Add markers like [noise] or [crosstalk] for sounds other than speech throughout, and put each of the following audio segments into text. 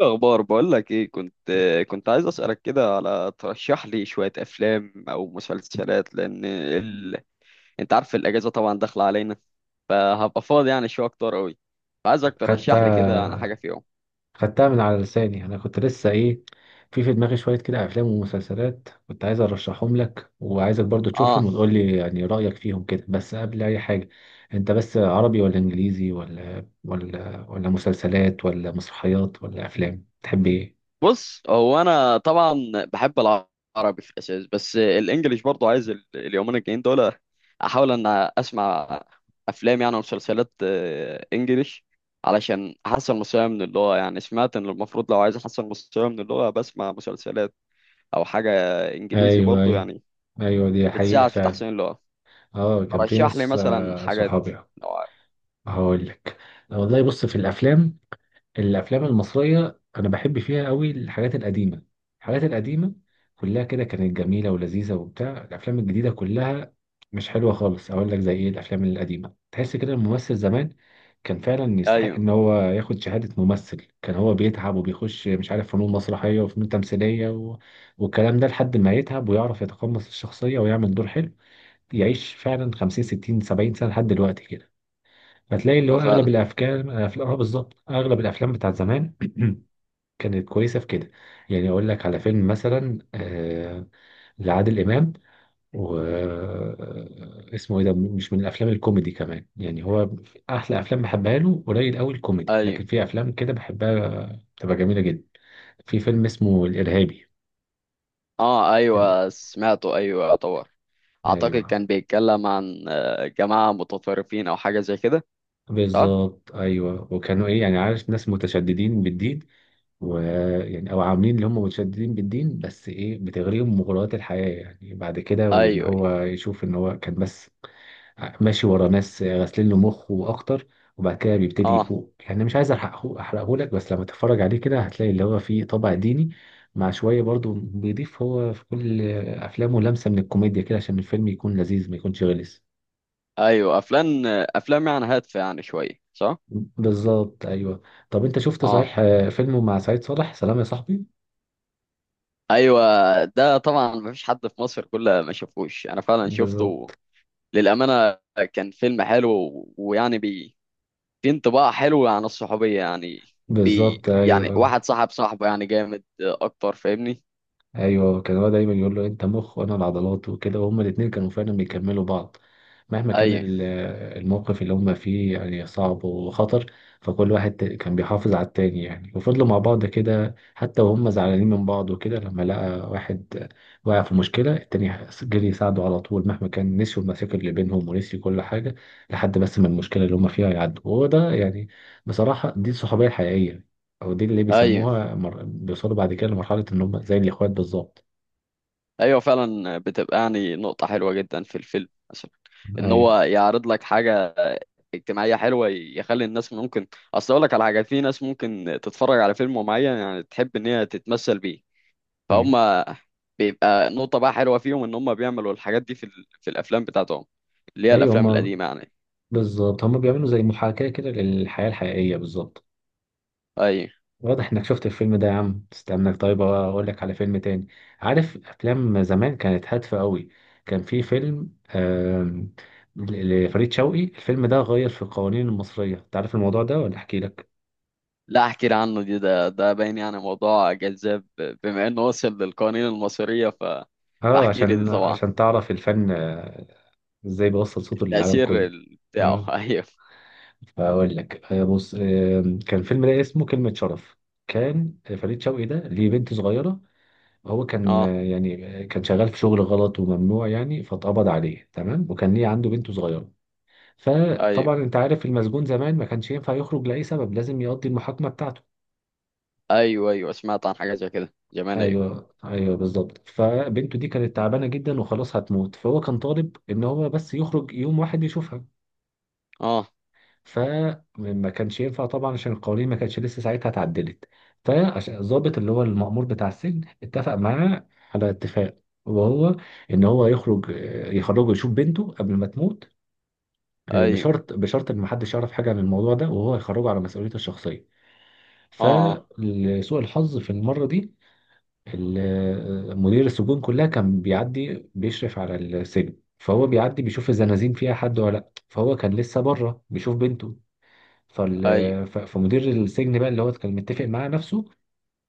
اخبار. بقول لك ايه، كنت عايز اسالك كده على ترشح لي شويه افلام او مسلسلات، لان انت عارف الاجازه طبعا داخله علينا، فهبقى فاضي يعني شويه اكتر قوي، فعايزك ترشح لي كده انا حاجه خدتها. فيهم. خدتها من على لساني، انا كنت لسه في دماغي شويه كده افلام ومسلسلات كنت عايز ارشحهم لك، وعايزك برضو اه. تشوفهم وتقول لي يعني رايك فيهم كده. بس قبل اي حاجه انت بس عربي ولا انجليزي ولا مسلسلات ولا مسرحيات ولا افلام، تحب ايه؟ بص، هو انا طبعا بحب العربي في الاساس، بس الانجليش برضو عايز اليومين الجايين دول احاول ان اسمع افلام يعني ومسلسلات انجليش، علشان احسن مستواي من اللغه. يعني سمعت ان المفروض لو عايز احسن مستواي من اللغه بسمع مسلسلات او حاجه انجليزي ايوه، برضو، ايوه. يعني ايوه، دي حقيقه بتساعد في فعلا. تحسين اللغه. اه، كان في رشح لي ناس، مثلا حاجات صحابي. لو عارف. هقول لك، والله بص، في الافلام، الافلام المصريه انا بحب فيها قوي، الحاجات القديمه الحاجات القديمه كلها كده كانت جميله ولذيذه، وبتاع الافلام الجديده كلها مش حلوه خالص. اقول لك زي ايه، الافلام القديمه تحس كده الممثل زمان كان فعلا يستحق ايوه، ان هو ياخد شهاده ممثل، كان هو بيتعب وبيخش، مش عارف، فنون مسرحيه وفنون تمثيليه، والكلام ده، لحد ما يتعب ويعرف يتقمص الشخصيه ويعمل دور حلو، يعيش فعلا 50 60 70 سنه لحد دلوقتي كده. هتلاقي اللي أيوة هو اغلب فعلا. الافكار افلام، اه بالظبط، اغلب الافلام بتاعت زمان [clears throat] كانت كويسه في كده. يعني اقول لك على فيلم مثلا، لعادل امام، و اسمه ايه ده، مش من الافلام الكوميدي كمان. يعني هو احلى افلام بحبها له قليل قوي الكوميدي، ايوه. لكن في افلام كده بحبها بتبقى جميله جدا. في فيلم اسمه الارهابي. اه ال- ايوه سمعته، ايوه طبعا. اعتقد ايوه كان بيتكلم عن جماعة متطرفين او حاجة زي كده، صح؟ بالظبط. ايوه، وكانوا ايه يعني، عارف، ناس متشددين بالدين. ويعني او عاملين اللي هم متشددين بالدين، بس ايه، بتغريهم مغريات الحياه يعني، بعد كده، ايوه وان أيوة. هو يشوف ان هو كان بس ماشي ورا ناس غاسلين له مخه اكتر. وبعد كده بيبتدي اه يفوق. يعني مش عايز احرقه، احرقه لك، بس لما تتفرج عليه كده هتلاقي اللي هو فيه طابع ديني مع شويه، برضو بيضيف هو في كل افلامه لمسه من الكوميديا كده، عشان الفيلم يكون لذيذ ما يكونش غلس. ايوه. افلام افلام يعني هادفة، يعني شوية، صح؟ بالظبط، ايوه. طب انت شفت اه صحيح، فيلمه مع سعيد صالح، سلام يا صاحبي؟ ايوه. ده طبعا مفيش حد في مصر كله ما شافوش، انا فعلا شفته بالظبط، للأمانة. كان فيلم حلو ويعني في انطباع حلو عن الصحوبية، يعني بالظبط. يعني ايوه، واحد صاحب صاحبه يعني، جامد اكتر، فاهمني؟ ايوه، كان هو دايما يقول له انت مخ وانا العضلات وكده. وهما الاتنين كانوا فعلا بيكملوا بعض، مهما كان ايوه الموقف اللي هما فيه يعني صعب وخطر. فكل واحد كان بيحافظ على التاني يعني، وفضلوا مع بعض كده حتى وهم زعلانين من بعض وكده. لما لقى واحد وقع في مشكلة، التاني جري يساعده على طول، مهما كان نسيوا المشاكل اللي بينهم ونسيوا كل حاجة، لحد بس ما المشكلة اللي هما فيها يعدوا. وهو ده، يعني، بصراحة، دي الصحوبية الحقيقية. او دي اللي ايوه. بيسموها بيوصلوا بعد كده لمرحله ان هم زي الاخوات بالظبط. ايوه فعلا، بتبقى يعني نقطة حلوة جدا في الفيلم، مثلا ان هو ايوه، يعرض لك حاجة اجتماعية حلوة يخلي الناس ممكن، اصل اقول لك على حاجة، في ناس ممكن تتفرج على فيلم معين يعني تحب ان هي تتمثل بيه، ايوه، فهم بيبقى نقطة بقى حلوة فيهم ان هم بيعملوا الحاجات دي في في الافلام بتاعتهم، اللي هي ايوه. الافلام هم القديمة يعني. بالظبط، هم بيعملوا زي محاكاه كده للحياه الحقيقيه بالظبط. اي. واضح انك شفت الفيلم ده يا عم، استناك طيب اقول لك على فيلم تاني. عارف افلام زمان كانت هادفه قوي. كان في فيلم، آم، لفريد شوقي. الفيلم ده غير في القوانين المصريه، انت عارف الموضوع ده ولا احكي لك؟ لا، احكي لي عنه، دي ده ده باين يعني موضوع جذاب بما انه وصل للقوانين المصرية، اه، فاحكي لي دي عشان طبعا. تعرف الفن، ازاي بيوصل صوته للعالم التأثير كله. بتاعه [laughs] آه. ايوه. فاقول لك، بص، كان فيلم ده اسمه كلمة شرف. كان فريد شوقي ده ليه بنت صغيرة. هو كان، اه يعني، كان شغال في شغل غلط وممنوع يعني، فاتقبض عليه، تمام، وكان ليه عنده بنت صغيرة. ايوه فطبعا انت عارف المسجون زمان ما كانش ينفع يخرج لأي سبب، لازم يقضي المحاكمة بتاعته. ايوه. ايوه سمعت عن حاجه زي كده زمان، ايوه. ايوه، ايوه، بالظبط. فبنته دي كانت تعبانة جدا وخلاص هتموت، فهو كان طالب ان هو بس يخرج يوم واحد يشوفها. اه فما كانش ينفع طبعا عشان القوانين ما كانتش لسه ساعتها اتعدلت. فعشان الضابط اللي هو المأمور بتاع السجن اتفق معاه على اتفاق، وهو ان هو يخرج، يخرجه يشوف بنته قبل ما تموت، ايوه. بشرط ان محدش يعرف حاجه عن الموضوع ده، وهو يخرجه على مسؤوليته الشخصيه. اه. آه، فلسوء الحظ في المره دي، مدير السجون كلها كان بيعدي بيشرف على السجن، فهو بيعدي بيشوف الزنازين فيها حد ولا لا، فهو كان لسه بره بيشوف بنته. فال... ايوه فمدير السجن بقى اللي هو كان متفق معاه نفسه،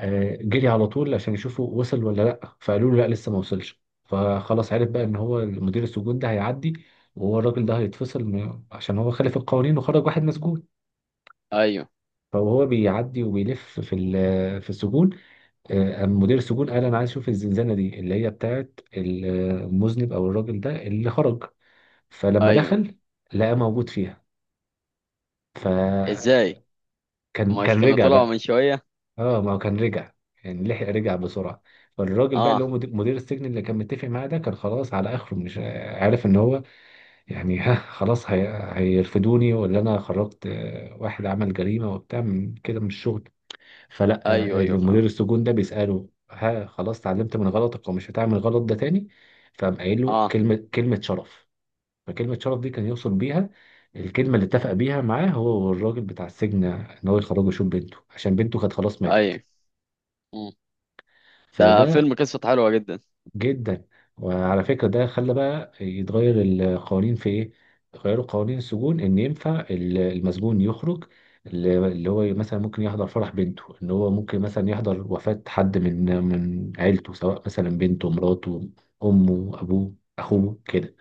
جري على طول عشان يشوفه وصل ولا لا. فقالوا له لا لسه ما وصلش. فخلاص عرف بقى ان هو مدير السجون ده هيعدي، وهو الراجل ده هيتفصل، عشان هو خالف القوانين وخرج واحد مسجون. ايوه فهو بيعدي وبيلف في في السجون. قام مدير السجون قال انا عايز اشوف الزنزانه دي اللي هي بتاعت المذنب او الراجل ده اللي خرج. فلما ايوه. دخل لقى موجود فيها. فكان، ازاي؟ مش كان كانوا رجع طلعوا من بقى. شويه؟ اه، ما هو كان رجع، يعني لحق رجع بسرعة. فالراجل بقى اللي اه هو مدير السجن اللي كان متفق معاه ده، كان خلاص على اخره، مش عارف ان هو يعني [laughs] ها خلاص هيرفدوني ولا انا خرجت، واحد عمل جريمة وبتاع، من كده من الشغل. فلا، ايوه ايوه فاهم. المدير السجون ده بيسأله، ها خلاص اتعلمت من غلطك ومش هتعمل غلط ده تاني؟ فقام قايل له اه كلمة، كلمة شرف. فكلمة شرف دي كان يوصل بيها الكلمة اللي اتفق بيها معاه هو والراجل بتاع السجن، ان هو يخرجه يشوف بنته، عشان بنته كانت خلاص ماتت. ايوه. مم. ده فده. فيلم قصته حلوه جدا. جدا. وعلى فكرة، ده خلى بقى يتغير القوانين في ايه؟ غيروا قوانين السجون ان ينفع المسجون يخرج، اللي هو مثلا ممكن يحضر فرح بنته، ان هو ممكن مثلا يحضر وفاة حد من عيلته، سواء مثلا بنته، مراته، امه، ابوه، اخوه كده.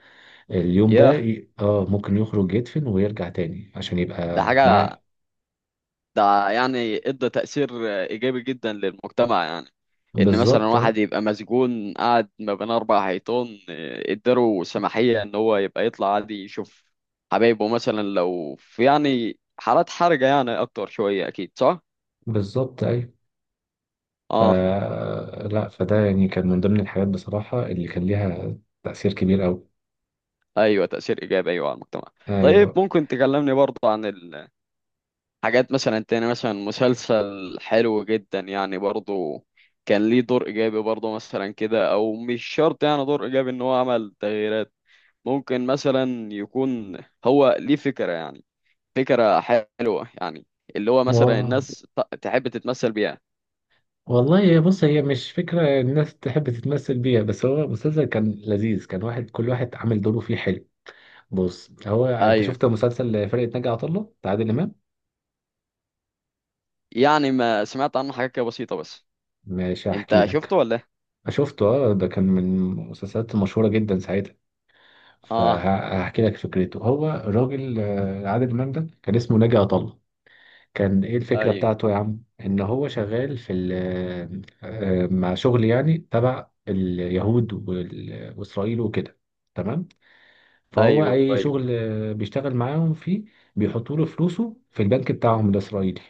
اليوم ده ياه، اه ممكن يخرج يدفن ويرجع تاني عشان ده يبقى حاجه، مع. ده يعني ادى تأثير إيجابي جدا للمجتمع، يعني إن مثلا بالظبط، واحد يبقى مسجون قاعد ما بين أربع حيطان، اداله سماحية إن هو يبقى يطلع عادي يشوف حبايبه، مثلا لو في يعني حالات حرجة يعني، أكتر شوية، أكيد صح؟ بالظبط، ايوه. ف آه. لا فده يعني كان من ضمن الحاجات بصراحة اللي كان ليها تأثير كبير أوي. أيوه، تأثير إيجابي، أيوه، على المجتمع. طيب ايوه، ممكن تكلمني برضه عن الحاجات مثلا تاني، مثلا مسلسل حلو جدا يعني برضه كان ليه دور إيجابي برضه، مثلا كده، أو مش شرط يعني دور إيجابي إن هو عمل تغييرات، ممكن مثلا يكون هو ليه فكرة يعني، فكرة حلوة يعني، اللي هو مثلا و... الناس تحب تتمثل بيها. والله بص، هي مش فكره الناس تحب تتمثل بيها، بس هو المسلسل كان لذيذ، كان واحد كل واحد عامل دوره فيه حلو. بص، هو انت ايوه، شفت مسلسل فرقه ناجي عطا الله بتاع عادل امام؟ يعني ما سمعت عنه حاجة كده بسيطة بس. ماشي، هحكي انت شفته لك. ولا إيه؟ شفته، اه، ده كان من المسلسلات المشهوره جدا ساعتها. اه فهحكي لك فكرته. هو الراجل، عادل امام ده، كان اسمه ناجي عطا الله. كان ايه الفكرة ايوه بتاعته يا عم، ان هو شغال في مع شغل يعني تبع اليهود واسرائيل وكده، تمام. فهو ايوه اي ايوه. شغل، بيشتغل معاهم فيه، بيحطوا له فلوسه في البنك بتاعهم الاسرائيلي.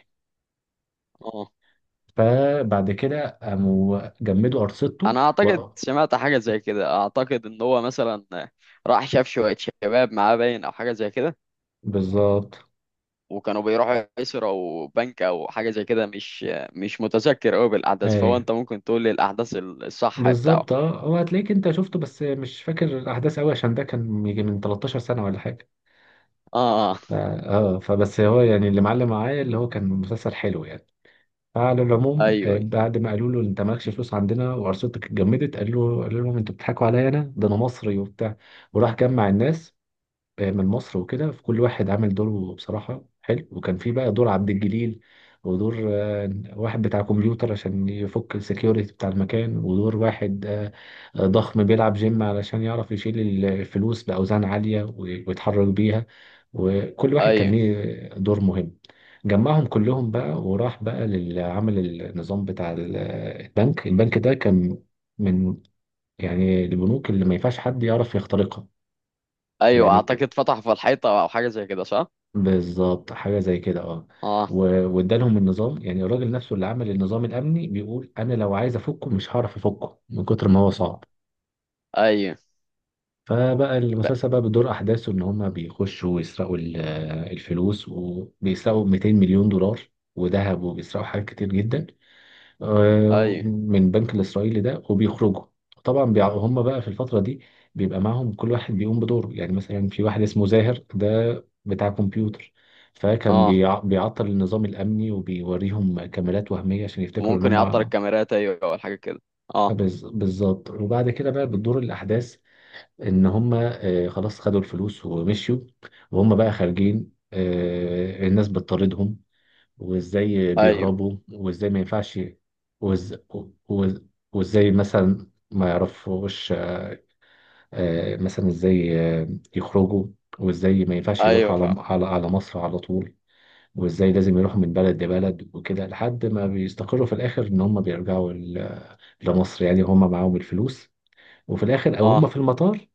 اه. فبعد كده قاموا جمدوا ارصدته انا اعتقد سمعت حاجة زي كده، اعتقد ان هو مثلا راح شاف شوية شباب معاه باين او حاجة زي كده، بالظبط وكانوا بيروحوا يسرقوا او بنك او حاجة زي كده، مش، مش متذكر قوي بالاحداث، فهو ايوه، انت ممكن تقول لي الاحداث الصح بتاعه. بالظبط، اه. هو هتلاقيك انت شفته بس مش فاكر الاحداث قوي، عشان ده كان يجي من 13 سنة ولا حاجة. اه آه. ف- اه فبس هو يعني اللي معلم معايا اللي هو كان مسلسل حلو يعني. فعلى العموم، ايوه بعد ما قالوا له انت مالكش فلوس عندنا وارصدتك اتجمدت، قال له، قالوا لهم انتوا بتضحكوا عليا، انا ده انا مصري وبتاع. وراح جمع الناس، من مصر وكده، في كل واحد عامل دوره بصراحة حلو. وكان في بقى دور عبد الجليل، ودور واحد بتاع كمبيوتر عشان يفك السكيورتي بتاع المكان، ودور واحد ضخم بيلعب جيم علشان يعرف يشيل الفلوس بأوزان عالية ويتحرك بيها. وكل واحد كان ايوه ليه دور مهم. جمعهم كلهم بقى، وراح بقى للعمل النظام بتاع البنك ده كان من، يعني، البنوك اللي ما ينفعش حد يعرف يخترقها. ايوه، يعني اعتقد فتح في الحيطه او حاجه زي كده، صح؟ بالظبط حاجه زي كده، اه. اه و- وادالهم النظام، يعني الراجل نفسه اللي عمل النظام الامني بيقول انا لو عايز افكه مش هعرف افكه من كتر ما هو صعب. ايوه. فبقى ب- المسلسل بقى بدور احداثه ان هم بيخشوا ويسرقوا الفلوس وبيسرقوا 200 مليون دولار وذهب، وبيسرقوا حاجات كتير جدا، ايوه. من البنك الإسرائيلي ده وبيخرجوا. طبعا هم بقى في الفترة دي بيبقى معاهم كل واحد بيقوم بدوره. يعني مثلا في واحد اسمه زاهر ده، بتاع كمبيوتر، فكان اه، بيعطل النظام الأمني وبيوريهم كاميرات وهمية عشان يفتكروا إن ممكن هم، يعطل الكاميرات، ايوه او حاجه كده. اه بالظبط وبعد كده بقى بتدور الأحداث إن هم، خلاص خدوا الفلوس ومشيوا، وهم بقى خارجين، الناس بتطاردهم، وازاي ايوه. بيهربوا، وازاي ما ينفعش، وإز... وإز... وازاي مثلا ما يعرفوش، مثلا ازاي، يخرجوا، وازاي ما ينفعش ايوه يروحوا على فعلا. على مصر على طول، وازاي لازم يروحوا من بلد لبلد وكده، لحد ما بيستقروا في الاخر ان هم بيرجعوا لمصر يعني هم معاهم الفلوس، وفي الاخر او هم اه في المطار،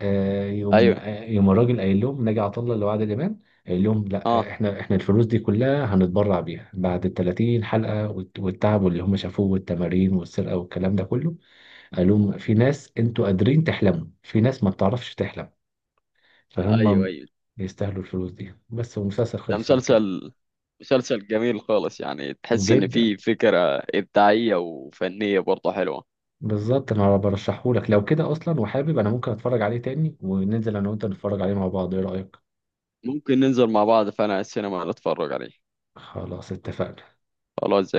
ايوه. يوم الراجل قايل لهم، ناجي عطا الله اللي هو عادل امام، قايل لهم لا، اه احنا، الفلوس دي كلها هنتبرع بيها بعد ال 30 حلقه، والتعب واللي هم شافوه والتمارين والسرقه والكلام ده كله. قال لهم، في ناس انتوا قادرين تحلموا، في ناس ما بتعرفش تحلم، ايوه فهم ايوه. يستاهلوا الفلوس دي بس. والمسلسل ده خلص على كده. مسلسل جميل خالص، يعني تحس ان جدا. فيه فكره ابداعيه وفنيه برضه حلوه. بالظبط، انا برشحه لك لو كده اصلا، وحابب، انا ممكن اتفرج عليه تاني، وننزل انا وانت نتفرج عليه مع بعض، ايه رايك؟ ممكن ننزل مع بعض، فانا السينما نتفرج عليه. خلاص اتفقنا. خلاص.